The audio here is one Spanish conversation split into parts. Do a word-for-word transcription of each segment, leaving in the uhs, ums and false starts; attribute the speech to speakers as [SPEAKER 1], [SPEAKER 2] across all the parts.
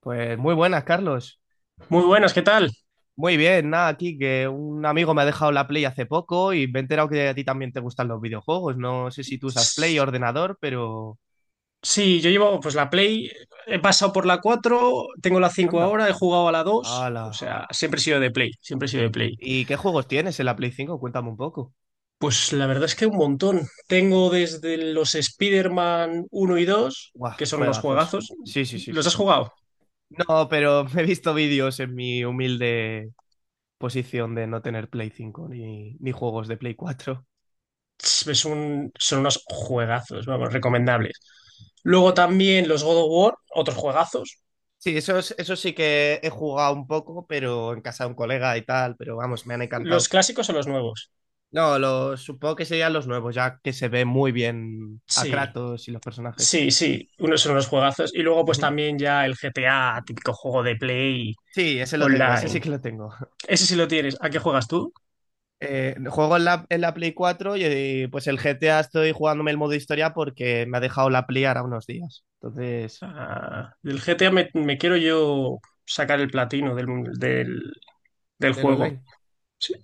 [SPEAKER 1] Pues muy buenas, Carlos.
[SPEAKER 2] Muy buenas, ¿qué tal?
[SPEAKER 1] Muy bien, nada, aquí que un amigo me ha dejado la Play hace poco y me he enterado que a ti también te gustan los videojuegos. No sé si tú usas Play o ordenador, pero...
[SPEAKER 2] Sí, yo llevo pues la Play, he pasado por la cuatro, tengo la cinco
[SPEAKER 1] Anda.
[SPEAKER 2] ahora, he jugado a la dos, o
[SPEAKER 1] Hala.
[SPEAKER 2] sea, siempre he sido de Play, siempre he sido de Play.
[SPEAKER 1] ¿Y qué juegos tienes en la Play cinco? Cuéntame un poco.
[SPEAKER 2] Pues la verdad es que un montón. Tengo desde los Spider-Man uno y dos,
[SPEAKER 1] Guau,
[SPEAKER 2] que son unos
[SPEAKER 1] juegazos.
[SPEAKER 2] juegazos.
[SPEAKER 1] Sí, sí, sí,
[SPEAKER 2] ¿Los
[SPEAKER 1] sí,
[SPEAKER 2] has
[SPEAKER 1] sí.
[SPEAKER 2] jugado?
[SPEAKER 1] No, pero he visto vídeos en mi humilde posición de no tener Play cinco ni, ni juegos de Play cuatro.
[SPEAKER 2] Es un- son unos juegazos, vamos,
[SPEAKER 1] Ujú.
[SPEAKER 2] recomendables. Luego
[SPEAKER 1] Ujú.
[SPEAKER 2] también los God of War, otros juegazos.
[SPEAKER 1] Sí, eso, es- eso sí que he jugado un poco, pero en casa de un colega y tal, pero vamos, me han
[SPEAKER 2] ¿Los
[SPEAKER 1] encantado.
[SPEAKER 2] clásicos o los nuevos?
[SPEAKER 1] No, lo, supongo que serían los nuevos, ya que se ve muy bien a
[SPEAKER 2] Sí.
[SPEAKER 1] Kratos y los personajes.
[SPEAKER 2] Sí, sí, unos son unos juegazos. Y luego, pues
[SPEAKER 1] Ujú.
[SPEAKER 2] también ya el G T A, típico juego de Play
[SPEAKER 1] Sí, ese lo tengo, ese sí
[SPEAKER 2] online.
[SPEAKER 1] que lo tengo.
[SPEAKER 2] Ese sí lo tienes. ¿A qué juegas tú?
[SPEAKER 1] Eh, juego en la, en la Play cuatro y eh, pues el G T A estoy jugándome el modo historia porque me ha dejado la Play ahora unos días. Entonces,
[SPEAKER 2] Ah, del G T A me, me quiero yo sacar el platino del, del, del
[SPEAKER 1] del
[SPEAKER 2] juego.
[SPEAKER 1] online.
[SPEAKER 2] Sí.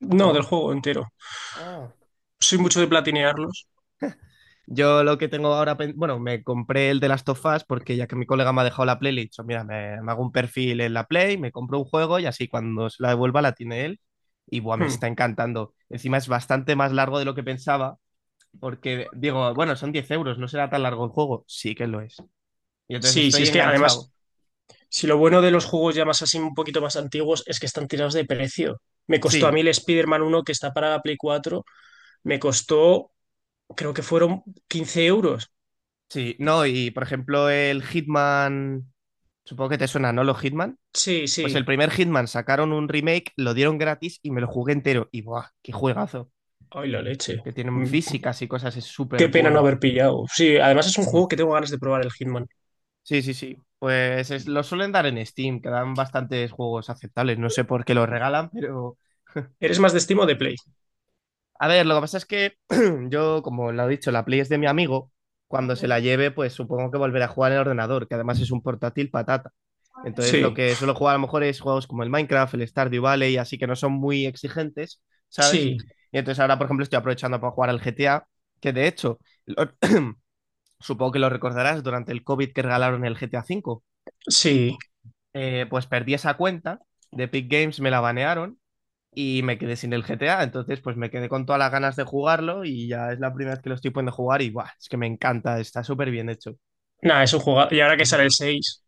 [SPEAKER 2] No, del
[SPEAKER 1] Wow.
[SPEAKER 2] juego entero.
[SPEAKER 1] Ah.
[SPEAKER 2] Soy
[SPEAKER 1] Y.
[SPEAKER 2] mucho de platinearlos.
[SPEAKER 1] Yo lo que tengo ahora, pen- bueno, me compré el de Last of Us porque ya que mi colega me ha dejado la Play, le he dicho, mira, me, me hago un perfil en la Play, me compro un juego y así cuando se la devuelva la tiene él. Y buah, me
[SPEAKER 2] Hmm.
[SPEAKER 1] está encantando. Encima es bastante más largo de lo que pensaba porque digo, bueno, son diez euros, no será tan largo el juego. Sí que lo es. Y entonces
[SPEAKER 2] Sí, sí,
[SPEAKER 1] estoy
[SPEAKER 2] es que
[SPEAKER 1] enganchado.
[SPEAKER 2] además, si lo bueno de los juegos ya más así, un poquito más antiguos, es que están tirados de precio. Me costó a
[SPEAKER 1] Sí,
[SPEAKER 2] mí el Spider-Man uno que está para la Play cuatro, me costó, creo que fueron quince euros.
[SPEAKER 1] sí, no, y por ejemplo el Hitman, supongo que te suena, ¿no? Los Hitman.
[SPEAKER 2] Sí, sí.
[SPEAKER 1] Pues el primer Hitman sacaron un remake, lo dieron gratis y me lo jugué entero. Y buah, qué juegazo.
[SPEAKER 2] Ay, la leche.
[SPEAKER 1] Que tienen
[SPEAKER 2] Mm,
[SPEAKER 1] físicas y cosas, es súper
[SPEAKER 2] Qué pena no
[SPEAKER 1] bueno.
[SPEAKER 2] haber pillado. Sí, además es un
[SPEAKER 1] Ujú.
[SPEAKER 2] juego que tengo ganas de probar el Hitman.
[SPEAKER 1] Sí, sí, sí. Pues es- lo suelen dar en Steam, que dan bastantes juegos aceptables. No sé por qué los regalan, pero...
[SPEAKER 2] ¿Eres más de Steam o de Play?
[SPEAKER 1] A ver, lo que pasa es que yo, como lo he dicho, la Play es de mi amigo. Cuando se la lleve, pues supongo que volverá a jugar en el ordenador, que además es un portátil patata. Entonces, lo
[SPEAKER 2] Sí,
[SPEAKER 1] que suelo jugar a lo mejor es juegos como el Minecraft, el Stardew Valley, así que no son muy exigentes, ¿sabes?
[SPEAKER 2] sí,
[SPEAKER 1] Y entonces ahora, por ejemplo, estoy aprovechando para jugar al G T A, que de hecho, el, o- supongo que lo recordarás, durante el COVID que regalaron el G T A V,
[SPEAKER 2] sí.
[SPEAKER 1] eh, pues perdí esa cuenta de Epic Games, me la banearon y me quedé sin el G T A, entonces pues me quedé con todas las ganas de jugarlo y ya es la primera vez que lo estoy poniendo a jugar y ¡buah! Es que me encanta, está súper bien hecho.
[SPEAKER 2] Nada, es un juego. Y ahora que
[SPEAKER 1] Ujú.
[SPEAKER 2] sale el seis.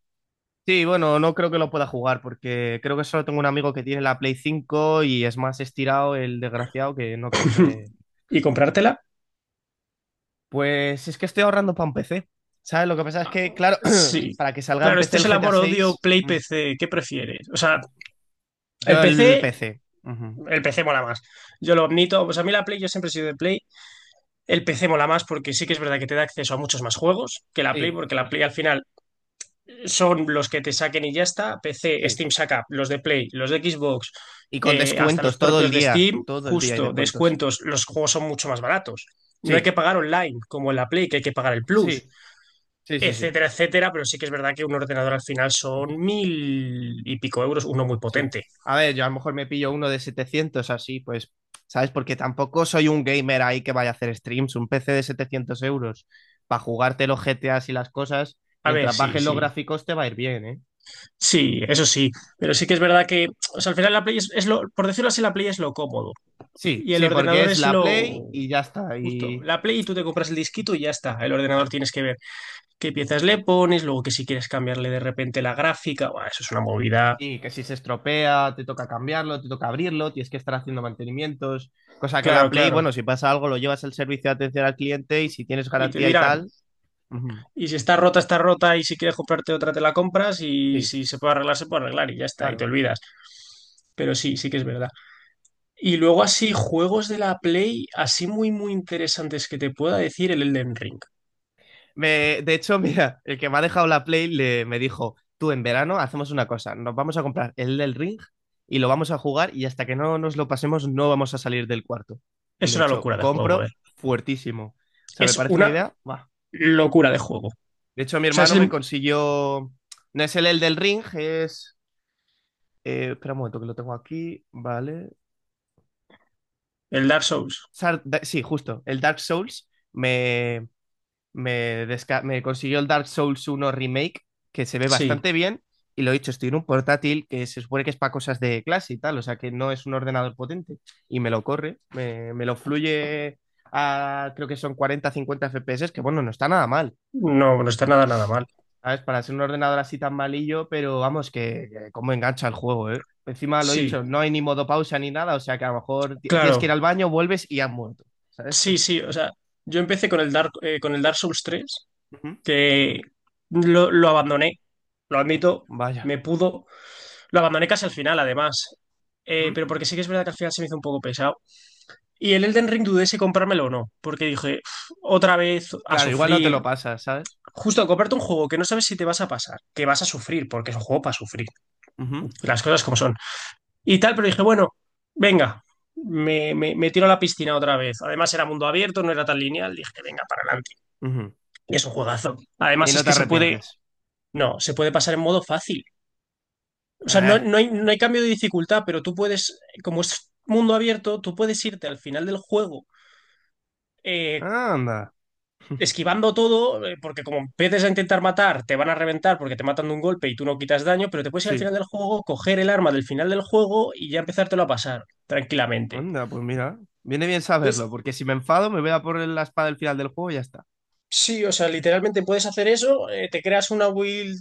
[SPEAKER 1] Sí, bueno, no creo que lo pueda jugar porque creo que solo tengo un amigo que tiene la Play cinco y es más estirado el desgraciado que no creo que...
[SPEAKER 2] ¿Y comprártela?
[SPEAKER 1] Pues es que estoy ahorrando para un P C. ¿Sabes? Lo que pasa es que, claro,
[SPEAKER 2] Sí.
[SPEAKER 1] para que salga en
[SPEAKER 2] Claro,
[SPEAKER 1] P C
[SPEAKER 2] este
[SPEAKER 1] el
[SPEAKER 2] es el
[SPEAKER 1] G T A
[SPEAKER 2] amor odio
[SPEAKER 1] seis,
[SPEAKER 2] Play P C. ¿Qué prefieres? O sea, el
[SPEAKER 1] yo el
[SPEAKER 2] P C,
[SPEAKER 1] P C. Ujú.
[SPEAKER 2] el P C mola más. Yo lo admito. Pues a mí la Play, yo siempre he sido de Play. El P C mola más porque sí que es verdad que te da acceso a muchos más juegos que la Play,
[SPEAKER 1] Sí,
[SPEAKER 2] porque la Play al final son los que te saquen y ya está. P C,
[SPEAKER 1] sí.
[SPEAKER 2] Steam saca los de Play, los de Xbox,
[SPEAKER 1] Y con
[SPEAKER 2] eh, hasta los
[SPEAKER 1] descuentos todo el
[SPEAKER 2] propios de
[SPEAKER 1] día.
[SPEAKER 2] Steam,
[SPEAKER 1] Todo el día hay
[SPEAKER 2] justo,
[SPEAKER 1] descuentos.
[SPEAKER 2] descuentos, los juegos son mucho más baratos. No hay que
[SPEAKER 1] Sí,
[SPEAKER 2] pagar online, como en la Play, que hay que pagar el Plus,
[SPEAKER 1] sí, sí, sí, sí,
[SPEAKER 2] etcétera, etcétera, pero sí que es verdad que un ordenador al final son mil y pico euros, uno muy
[SPEAKER 1] sí.
[SPEAKER 2] potente.
[SPEAKER 1] A ver, yo a lo mejor me pillo uno de setecientos así, pues, ¿sabes? Porque tampoco soy un gamer ahí que vaya a hacer streams. Un P C de setecientos euros para jugarte los G T As y las cosas,
[SPEAKER 2] A ver,
[SPEAKER 1] mientras
[SPEAKER 2] sí,
[SPEAKER 1] bajes los
[SPEAKER 2] sí,
[SPEAKER 1] gráficos te va a ir bien, ¿eh?
[SPEAKER 2] sí, eso sí, pero sí que es verdad que, o sea, al final la Play es, es lo, por decirlo así, la Play es lo cómodo.
[SPEAKER 1] Sí,
[SPEAKER 2] Y el
[SPEAKER 1] sí, porque
[SPEAKER 2] ordenador
[SPEAKER 1] es
[SPEAKER 2] es
[SPEAKER 1] la
[SPEAKER 2] lo
[SPEAKER 1] Play y ya está.
[SPEAKER 2] justo.
[SPEAKER 1] Y,
[SPEAKER 2] La Play y tú te compras el disquito y ya está. El ordenador tienes que ver qué piezas le pones, luego que si quieres cambiarle de repente la gráfica. Buah, eso es una movida.
[SPEAKER 1] sí, que si se estropea, te toca cambiarlo, te toca abrirlo, tienes que estar haciendo mantenimientos. Cosa que la
[SPEAKER 2] Claro,
[SPEAKER 1] Play,
[SPEAKER 2] claro.
[SPEAKER 1] bueno, si pasa algo, lo llevas al servicio de atención al cliente y si tienes
[SPEAKER 2] Y te
[SPEAKER 1] garantía y
[SPEAKER 2] dirán,
[SPEAKER 1] tal. Ujú,
[SPEAKER 2] y si está rota, está rota, y si quieres comprarte otra, te la compras, y
[SPEAKER 1] sí,
[SPEAKER 2] si se puede arreglar, se puede arreglar, y ya está, y te
[SPEAKER 1] claro.
[SPEAKER 2] olvidas. Pero sí, sí que es verdad. Y luego así, juegos de la Play, así muy, muy interesantes que te pueda decir el Elden Ring.
[SPEAKER 1] Me- de hecho, mira, el que me ha dejado la Play le, me dijo: Tú en verano hacemos una cosa, nos vamos a comprar el del Ring y lo vamos a jugar y hasta que no nos lo pasemos, no vamos a salir del cuarto. Y
[SPEAKER 2] Es
[SPEAKER 1] le he
[SPEAKER 2] una
[SPEAKER 1] dicho:
[SPEAKER 2] locura de juego, ¿eh?
[SPEAKER 1] Compro fuertísimo. O sea, me
[SPEAKER 2] Es
[SPEAKER 1] parece una
[SPEAKER 2] una
[SPEAKER 1] idea. Buah.
[SPEAKER 2] locura de juego. O
[SPEAKER 1] De hecho, mi
[SPEAKER 2] sea, es
[SPEAKER 1] hermano me
[SPEAKER 2] el,
[SPEAKER 1] consiguió. No es el, el del Ring, es. Eh, espera un momento que lo tengo aquí, ¿vale?
[SPEAKER 2] El Dark Souls,
[SPEAKER 1] Sar- da- sí, justo, el Dark Souls me, me, desca- me consiguió el Dark Souls uno Remake, que se ve
[SPEAKER 2] sí.
[SPEAKER 1] bastante bien, y lo he dicho, estoy en un portátil que se supone que es para cosas de clase y tal, o sea que no es un ordenador potente, y me lo corre, me, me lo fluye a creo que son cuarenta a cincuenta F P S, que bueno, no está nada mal.
[SPEAKER 2] No, no está nada, nada mal.
[SPEAKER 1] ¿Sabes? Para ser un ordenador así tan malillo, pero vamos, que, que cómo engancha el juego, ¿eh? Encima lo he
[SPEAKER 2] Sí,
[SPEAKER 1] dicho, no hay ni modo pausa ni nada, o sea que a lo mejor ti- tienes que ir
[SPEAKER 2] claro.
[SPEAKER 1] al baño, vuelves y has muerto, ¿sabes?
[SPEAKER 2] Sí, sí, o sea, yo empecé con el Dark, eh, con el Dark Souls tres,
[SPEAKER 1] Ujú,
[SPEAKER 2] que lo, lo abandoné, lo admito,
[SPEAKER 1] vaya.
[SPEAKER 2] me pudo. Lo abandoné casi al final, además. Eh,
[SPEAKER 1] Ujú,
[SPEAKER 2] pero porque sí que es verdad que al final se me hizo un poco pesado. Y el Elden Ring dudé si comprármelo o no, porque dije, "Uf, otra vez a
[SPEAKER 1] claro, igual no te
[SPEAKER 2] sufrir.
[SPEAKER 1] lo pasas, ¿sabes?
[SPEAKER 2] Justo, comprarte un juego que no sabes si te vas a pasar, que vas a sufrir, porque es un juego para sufrir.
[SPEAKER 1] Ujú,
[SPEAKER 2] Las cosas como son, y tal, pero dije, bueno, venga, me, me, me tiro a la piscina otra vez. Además era mundo abierto, no era tan lineal, dije, venga, para adelante.
[SPEAKER 1] ujú.
[SPEAKER 2] Y es un juegazo.
[SPEAKER 1] Y
[SPEAKER 2] Además
[SPEAKER 1] no
[SPEAKER 2] es
[SPEAKER 1] te
[SPEAKER 2] que se puede,
[SPEAKER 1] arrepientes.
[SPEAKER 2] no, se puede pasar en modo fácil. O sea, no,
[SPEAKER 1] Eh,
[SPEAKER 2] no hay, no hay cambio de dificultad, pero tú puedes, como es mundo abierto, tú puedes irte al final del juego. eh,
[SPEAKER 1] Anda.
[SPEAKER 2] esquivando todo, eh, porque como empieces a intentar matar, te van a reventar porque te matan de un golpe y tú no quitas daño, pero te puedes ir al
[SPEAKER 1] Sí,
[SPEAKER 2] final del juego, coger el arma del final del juego y ya empezártelo a pasar tranquilamente.
[SPEAKER 1] anda, pues mira. Viene bien saberlo,
[SPEAKER 2] Entonces,
[SPEAKER 1] porque si me enfado me voy a por la espada al final del juego y ya está.
[SPEAKER 2] sí, o sea, literalmente puedes hacer eso, eh, te creas una build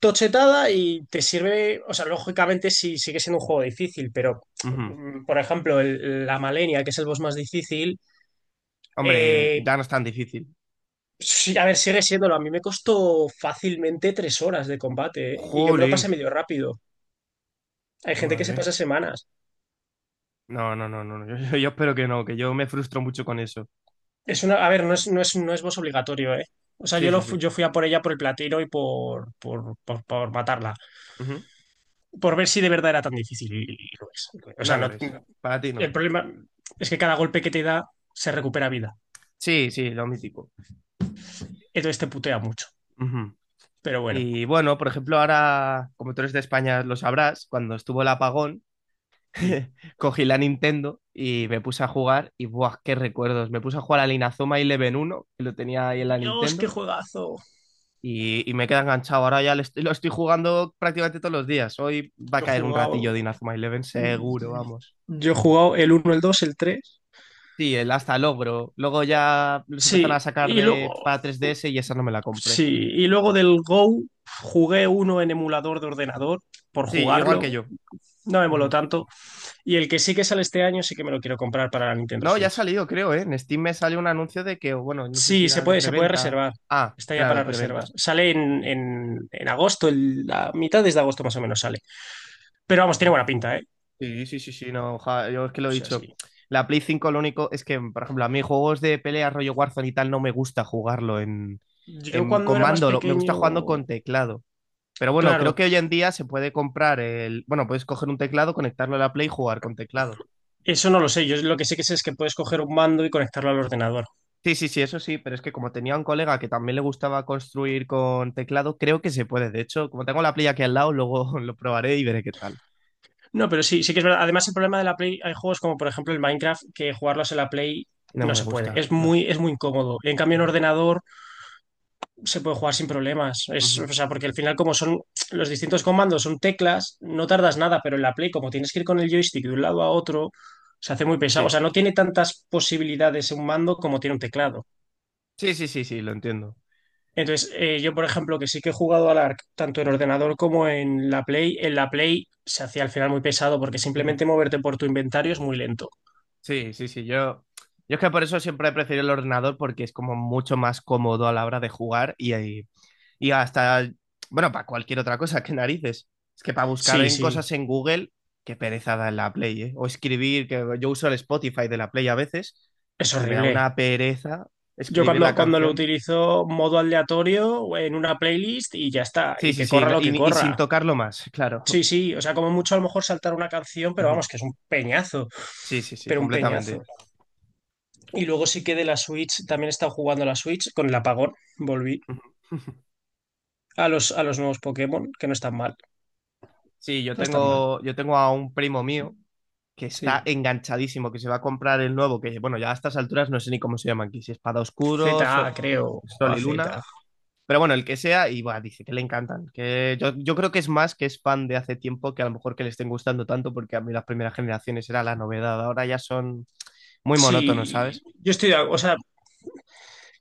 [SPEAKER 2] tochetada y te sirve, o sea, lógicamente sí sigue siendo un juego difícil, pero
[SPEAKER 1] Ujú.
[SPEAKER 2] mm, por ejemplo, el- la Malenia, que es el boss más difícil,
[SPEAKER 1] Hombre,
[SPEAKER 2] eh,
[SPEAKER 1] ya no es tan difícil.
[SPEAKER 2] sí, a ver, sigue siéndolo. A mí me costó fácilmente tres horas de combate, ¿eh? Y yo me lo
[SPEAKER 1] Jolín,
[SPEAKER 2] pasé medio rápido. Hay gente que se
[SPEAKER 1] madre.
[SPEAKER 2] pasa semanas.
[SPEAKER 1] No, no, no, no, no. Yo, yo espero que no, que yo me frustro mucho con eso.
[SPEAKER 2] Es una, a ver, no es, no es, no es boss obligatorio, ¿eh? O sea, yo,
[SPEAKER 1] Sí, sí,
[SPEAKER 2] lo,
[SPEAKER 1] sí.
[SPEAKER 2] fu- yo fui a por ella por el platino y por, por, por por matarla.
[SPEAKER 1] Ujú.
[SPEAKER 2] Por ver si de verdad era tan difícil y, y lo es. O
[SPEAKER 1] No
[SPEAKER 2] sea,
[SPEAKER 1] lo
[SPEAKER 2] no,
[SPEAKER 1] es. Para ti no.
[SPEAKER 2] el problema es que cada golpe que te da se recupera vida.
[SPEAKER 1] Sí, sí, lo mítico.
[SPEAKER 2] Entonces te putea mucho.
[SPEAKER 1] Ujú.
[SPEAKER 2] Pero bueno,
[SPEAKER 1] Y bueno, por ejemplo, ahora, como tú eres de España, lo sabrás, cuando estuvo el apagón,
[SPEAKER 2] sí.
[SPEAKER 1] cogí la Nintendo y me puse a jugar y ¡buah, qué recuerdos! Me puse a jugar al Inazuma Eleven uno que lo tenía ahí en la
[SPEAKER 2] Dios, qué
[SPEAKER 1] Nintendo,
[SPEAKER 2] juegazo.
[SPEAKER 1] y, y me queda enganchado. Ahora ya lo estoy, lo estoy jugando prácticamente todos los días. Hoy va a
[SPEAKER 2] Yo he
[SPEAKER 1] caer un ratillo
[SPEAKER 2] jugado.
[SPEAKER 1] de Inazuma Eleven, seguro, vamos.
[SPEAKER 2] Yo he jugado el uno el dos el tres.
[SPEAKER 1] Sí, el hasta el ogro. Luego ya los empezaron
[SPEAKER 2] Sí.
[SPEAKER 1] a sacar
[SPEAKER 2] Y
[SPEAKER 1] de
[SPEAKER 2] luego.
[SPEAKER 1] para tres D S y esa no me la compré.
[SPEAKER 2] Sí. Y luego del Go jugué uno en emulador de ordenador por
[SPEAKER 1] Sí, igual que
[SPEAKER 2] jugarlo.
[SPEAKER 1] yo.
[SPEAKER 2] No me moló
[SPEAKER 1] Ujú.
[SPEAKER 2] tanto. Y el que sí que sale este año sí que me lo quiero comprar para la Nintendo
[SPEAKER 1] No, ya ha
[SPEAKER 2] Switch.
[SPEAKER 1] salido, creo, ¿eh? En Steam me salió un anuncio de que, bueno, no sé si
[SPEAKER 2] Sí, se
[SPEAKER 1] era de
[SPEAKER 2] puede, se puede
[SPEAKER 1] preventa.
[SPEAKER 2] reservar.
[SPEAKER 1] Ah,
[SPEAKER 2] Está ya
[SPEAKER 1] claro, es
[SPEAKER 2] para
[SPEAKER 1] preventa.
[SPEAKER 2] reservas. Sale en, en, en, agosto, el- la mitad de agosto más o menos sale. Pero vamos, tiene
[SPEAKER 1] Joder.
[SPEAKER 2] buena pinta, ¿eh?
[SPEAKER 1] Sí, sí, sí, sí, no, ja, yo es que
[SPEAKER 2] O
[SPEAKER 1] lo he
[SPEAKER 2] sea,
[SPEAKER 1] dicho.
[SPEAKER 2] sí.
[SPEAKER 1] La Play cinco lo único es que, por ejemplo, a mí juegos de pelea rollo Warzone y tal no me gusta jugarlo en,
[SPEAKER 2] Yo
[SPEAKER 1] en
[SPEAKER 2] cuando
[SPEAKER 1] con
[SPEAKER 2] era más
[SPEAKER 1] mando, lo- me gusta
[SPEAKER 2] pequeño,
[SPEAKER 1] jugando con teclado. Pero bueno, creo
[SPEAKER 2] claro,
[SPEAKER 1] que hoy en día se puede comprar el, bueno, puedes coger un teclado, conectarlo a la Play y jugar con teclado.
[SPEAKER 2] eso no lo sé. Yo lo que sé que sé es que puedes coger un mando y conectarlo al ordenador.
[SPEAKER 1] Sí, sí, sí, eso sí, pero es que como tenía un colega que también le gustaba construir con teclado, creo que se puede. De hecho, como tengo la playa aquí al lado, luego lo probaré y veré qué tal.
[SPEAKER 2] No, pero sí, sí que es verdad. Además, el problema de la Play, hay juegos como por ejemplo el Minecraft, que jugarlos en la Play
[SPEAKER 1] No
[SPEAKER 2] no
[SPEAKER 1] me
[SPEAKER 2] se puede.
[SPEAKER 1] gusta,
[SPEAKER 2] Es
[SPEAKER 1] no.
[SPEAKER 2] muy, es muy incómodo. En cambio, en
[SPEAKER 1] Ujú,
[SPEAKER 2] ordenador se puede jugar sin problemas. Es,
[SPEAKER 1] ujú.
[SPEAKER 2] o sea, porque al final, como son los distintos comandos, son teclas, no tardas nada, pero en la Play, como tienes que ir con el joystick de un lado a otro, se hace muy pesado. O
[SPEAKER 1] Sí,
[SPEAKER 2] sea, no tiene tantas posibilidades un mando como tiene un teclado.
[SPEAKER 1] sí, sí, sí, sí, lo entiendo.
[SPEAKER 2] Entonces, eh, yo, por ejemplo, que sí que he jugado al A R C tanto en ordenador como en la Play, en la Play se hacía al final muy pesado porque
[SPEAKER 1] Ujú.
[SPEAKER 2] simplemente moverte por tu inventario es muy lento.
[SPEAKER 1] Sí, sí, sí, yo... Yo es que por eso siempre he preferido el ordenador porque es como mucho más cómodo a la hora de jugar y, ahí y hasta, bueno, para cualquier otra cosa, qué narices. Es que para buscar
[SPEAKER 2] Sí,
[SPEAKER 1] en
[SPEAKER 2] sí,
[SPEAKER 1] cosas en Google, qué pereza da en la Play, ¿eh? O escribir, que yo uso el Spotify de la Play a veces
[SPEAKER 2] es
[SPEAKER 1] y me da
[SPEAKER 2] horrible.
[SPEAKER 1] una pereza
[SPEAKER 2] Yo
[SPEAKER 1] escribir
[SPEAKER 2] cuando,
[SPEAKER 1] la
[SPEAKER 2] cuando lo
[SPEAKER 1] canción.
[SPEAKER 2] utilizo modo aleatorio en una playlist y ya está,
[SPEAKER 1] Sí,
[SPEAKER 2] y
[SPEAKER 1] sí,
[SPEAKER 2] que
[SPEAKER 1] sí,
[SPEAKER 2] corra
[SPEAKER 1] no,
[SPEAKER 2] lo que
[SPEAKER 1] y, y sin
[SPEAKER 2] corra.
[SPEAKER 1] tocarlo más, claro.
[SPEAKER 2] Sí, sí, o sea, como mucho a lo mejor saltar una canción, pero
[SPEAKER 1] Ujú.
[SPEAKER 2] vamos, que es un peñazo,
[SPEAKER 1] Sí, sí, sí,
[SPEAKER 2] pero un peñazo.
[SPEAKER 1] completamente.
[SPEAKER 2] Y luego sí que de la Switch, también he estado jugando a la Switch con el apagón, volví
[SPEAKER 1] Ujú.
[SPEAKER 2] a los, a los nuevos Pokémon, que no están mal,
[SPEAKER 1] Sí, yo
[SPEAKER 2] no están mal,
[SPEAKER 1] tengo, yo tengo a un primo mío que está
[SPEAKER 2] sí.
[SPEAKER 1] enganchadísimo, que se va a comprar el nuevo, que bueno, ya a estas alturas no sé ni cómo se llama aquí, si Espada Oscuro,
[SPEAKER 2] Z A,
[SPEAKER 1] Sol,
[SPEAKER 2] creo, o
[SPEAKER 1] Sol
[SPEAKER 2] A
[SPEAKER 1] y
[SPEAKER 2] Z.
[SPEAKER 1] Luna. Pero bueno, el que sea, y buah, dice que le encantan. Que yo, yo creo que es más que es fan de hace tiempo que a lo mejor que le estén gustando tanto, porque a mí las primeras generaciones era la novedad. Ahora ya son muy monótonos,
[SPEAKER 2] Sí,
[SPEAKER 1] ¿sabes?
[SPEAKER 2] yo estoy, de- ac- o sea,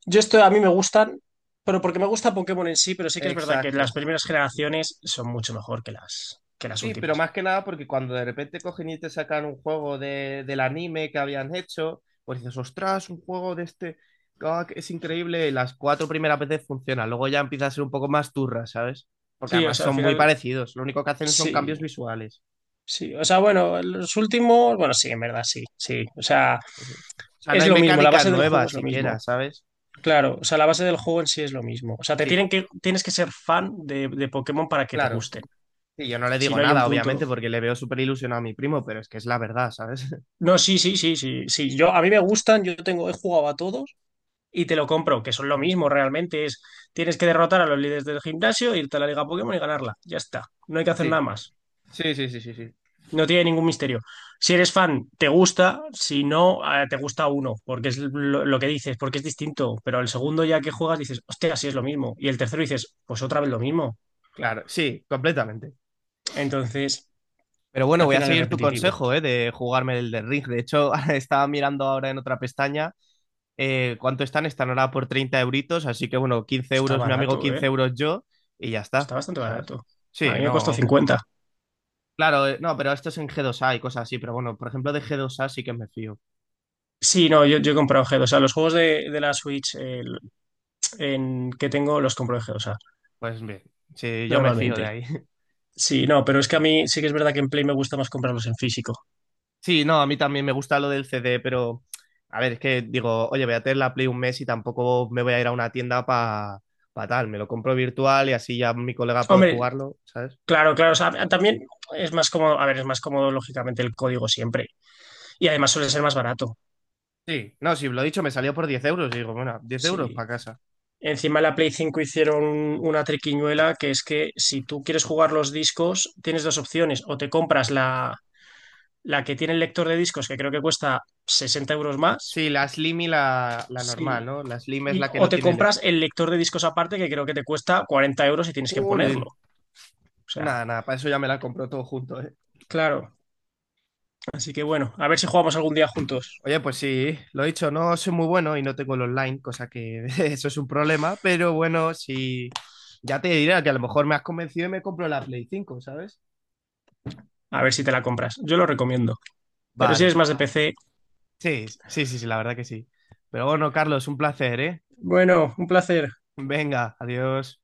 [SPEAKER 2] yo estoy, a mí me gustan, pero porque me gusta Pokémon en sí, pero sí que es verdad que
[SPEAKER 1] Exacto.
[SPEAKER 2] las primeras generaciones son mucho mejor que las, que las
[SPEAKER 1] Sí, pero
[SPEAKER 2] últimas.
[SPEAKER 1] más que nada porque cuando de repente cogen y te sacan un juego de, del anime que habían hecho, pues dices, ostras, un juego de este, ah, que es increíble, y las cuatro primeras veces funciona, luego ya empieza a ser un poco más turra, ¿sabes? Porque
[SPEAKER 2] Sí, o
[SPEAKER 1] además
[SPEAKER 2] sea, al
[SPEAKER 1] son muy
[SPEAKER 2] final,
[SPEAKER 1] parecidos, lo único que hacen son cambios
[SPEAKER 2] sí.
[SPEAKER 1] visuales.
[SPEAKER 2] Sí, o sea, bueno, los últimos, bueno, sí, en verdad, sí, sí. O sea,
[SPEAKER 1] O sea, no
[SPEAKER 2] es
[SPEAKER 1] hay
[SPEAKER 2] lo mismo, la
[SPEAKER 1] mecánicas
[SPEAKER 2] base del juego
[SPEAKER 1] nuevas
[SPEAKER 2] es lo
[SPEAKER 1] siquiera,
[SPEAKER 2] mismo.
[SPEAKER 1] ¿sabes?
[SPEAKER 2] Claro, o sea, la base del juego en sí es lo mismo. O sea, te
[SPEAKER 1] Sí,
[SPEAKER 2] tienen que, tienes que ser fan de, de Pokémon para que te
[SPEAKER 1] claro.
[SPEAKER 2] gusten.
[SPEAKER 1] Y yo no le
[SPEAKER 2] Si
[SPEAKER 1] digo
[SPEAKER 2] no hay un
[SPEAKER 1] nada, obviamente,
[SPEAKER 2] punto.
[SPEAKER 1] porque le veo súper ilusionado a mi primo, pero es que es la verdad, ¿sabes?
[SPEAKER 2] No, sí, sí, sí, sí, sí. Yo, a mí me gustan, yo tengo, he jugado a todos y te lo compro, que son lo mismo realmente. Es, tienes que derrotar a los líderes del gimnasio, irte a la Liga Pokémon y ganarla. Ya está. No hay que hacer
[SPEAKER 1] Sí,
[SPEAKER 2] nada más.
[SPEAKER 1] sí, sí, sí, sí, sí.
[SPEAKER 2] No tiene ningún misterio. Si eres fan, te gusta. Si no, eh, te gusta uno, porque es lo, lo que dices, porque es distinto. Pero el segundo ya que juegas dices, hostia, sí es lo mismo. Y el tercero dices, pues otra vez lo mismo.
[SPEAKER 1] Claro, sí, completamente.
[SPEAKER 2] Entonces,
[SPEAKER 1] Pero bueno,
[SPEAKER 2] al
[SPEAKER 1] voy a
[SPEAKER 2] final es
[SPEAKER 1] seguir tu
[SPEAKER 2] repetitivo.
[SPEAKER 1] consejo, ¿eh? De jugarme el de Ring. De hecho, estaba mirando ahora en otra pestaña eh, cuánto están. Están ahora por treinta euritos, así que bueno, quince
[SPEAKER 2] Está
[SPEAKER 1] euros mi amigo,
[SPEAKER 2] barato,
[SPEAKER 1] quince
[SPEAKER 2] ¿eh?
[SPEAKER 1] euros yo, y ya
[SPEAKER 2] Está
[SPEAKER 1] está,
[SPEAKER 2] bastante
[SPEAKER 1] ¿sabes?
[SPEAKER 2] barato. A
[SPEAKER 1] Sí,
[SPEAKER 2] mí me costó
[SPEAKER 1] no.
[SPEAKER 2] cincuenta.
[SPEAKER 1] Claro, eh, no, pero esto es en g dos a y cosas así, pero bueno, por ejemplo, de g dos a sí que me fío.
[SPEAKER 2] Sí, no, yo, yo he comprado G dos. O sea, los juegos de, de la Switch eh, en, que tengo los compro en G dos,
[SPEAKER 1] Pues bien, sí, yo me fío de
[SPEAKER 2] normalmente.
[SPEAKER 1] ahí.
[SPEAKER 2] Sí, no, pero es que a mí sí que es verdad que en Play me gusta más comprarlos en físico.
[SPEAKER 1] Sí, no, a mí también me gusta lo del C D, pero a ver, es que digo, oye, voy a tener la Play un mes y tampoco me voy a ir a una tienda para tal. Me lo compro virtual y así ya mi colega puede
[SPEAKER 2] Hombre,
[SPEAKER 1] jugarlo, ¿sabes?
[SPEAKER 2] claro, claro, o sea, también es más cómodo, a ver, es más cómodo lógicamente el código siempre. Y además suele ser más barato.
[SPEAKER 1] Sí, no, sí, lo he dicho, me salió por diez euros. Y digo, bueno, diez euros
[SPEAKER 2] Sí.
[SPEAKER 1] para casa.
[SPEAKER 2] Encima de la Play cinco hicieron una triquiñuela que es que si tú quieres jugar los discos, tienes dos opciones. O te compras la, la que tiene el lector de discos, que creo que cuesta sesenta euros más.
[SPEAKER 1] Sí, la Slim y la, la normal,
[SPEAKER 2] Sí.
[SPEAKER 1] ¿no? La Slim es
[SPEAKER 2] Y,
[SPEAKER 1] la que
[SPEAKER 2] o
[SPEAKER 1] no
[SPEAKER 2] te
[SPEAKER 1] tiene
[SPEAKER 2] compras
[SPEAKER 1] electro.
[SPEAKER 2] el lector de discos aparte, que creo que te cuesta cuarenta euros y tienes que
[SPEAKER 1] Jolín.
[SPEAKER 2] ponerlo. O sea,
[SPEAKER 1] Nada, nada, para eso ya me la compro todo junto, ¿eh?
[SPEAKER 2] claro. Así que bueno, a ver si jugamos algún día juntos.
[SPEAKER 1] Oye, pues sí, lo he dicho, no soy muy bueno y no tengo el online, cosa que eso es un problema, pero bueno, sí, ya te diré que a lo mejor me has convencido y me compro la Play cinco, ¿sabes?
[SPEAKER 2] A ver si te la compras. Yo lo recomiendo. Pero si es
[SPEAKER 1] Vale,
[SPEAKER 2] más de P C.
[SPEAKER 1] sí, sí, sí, sí, la verdad que sí. Pero bueno, Carlos, un placer, ¿eh?
[SPEAKER 2] Bueno, un placer.
[SPEAKER 1] Venga, adiós.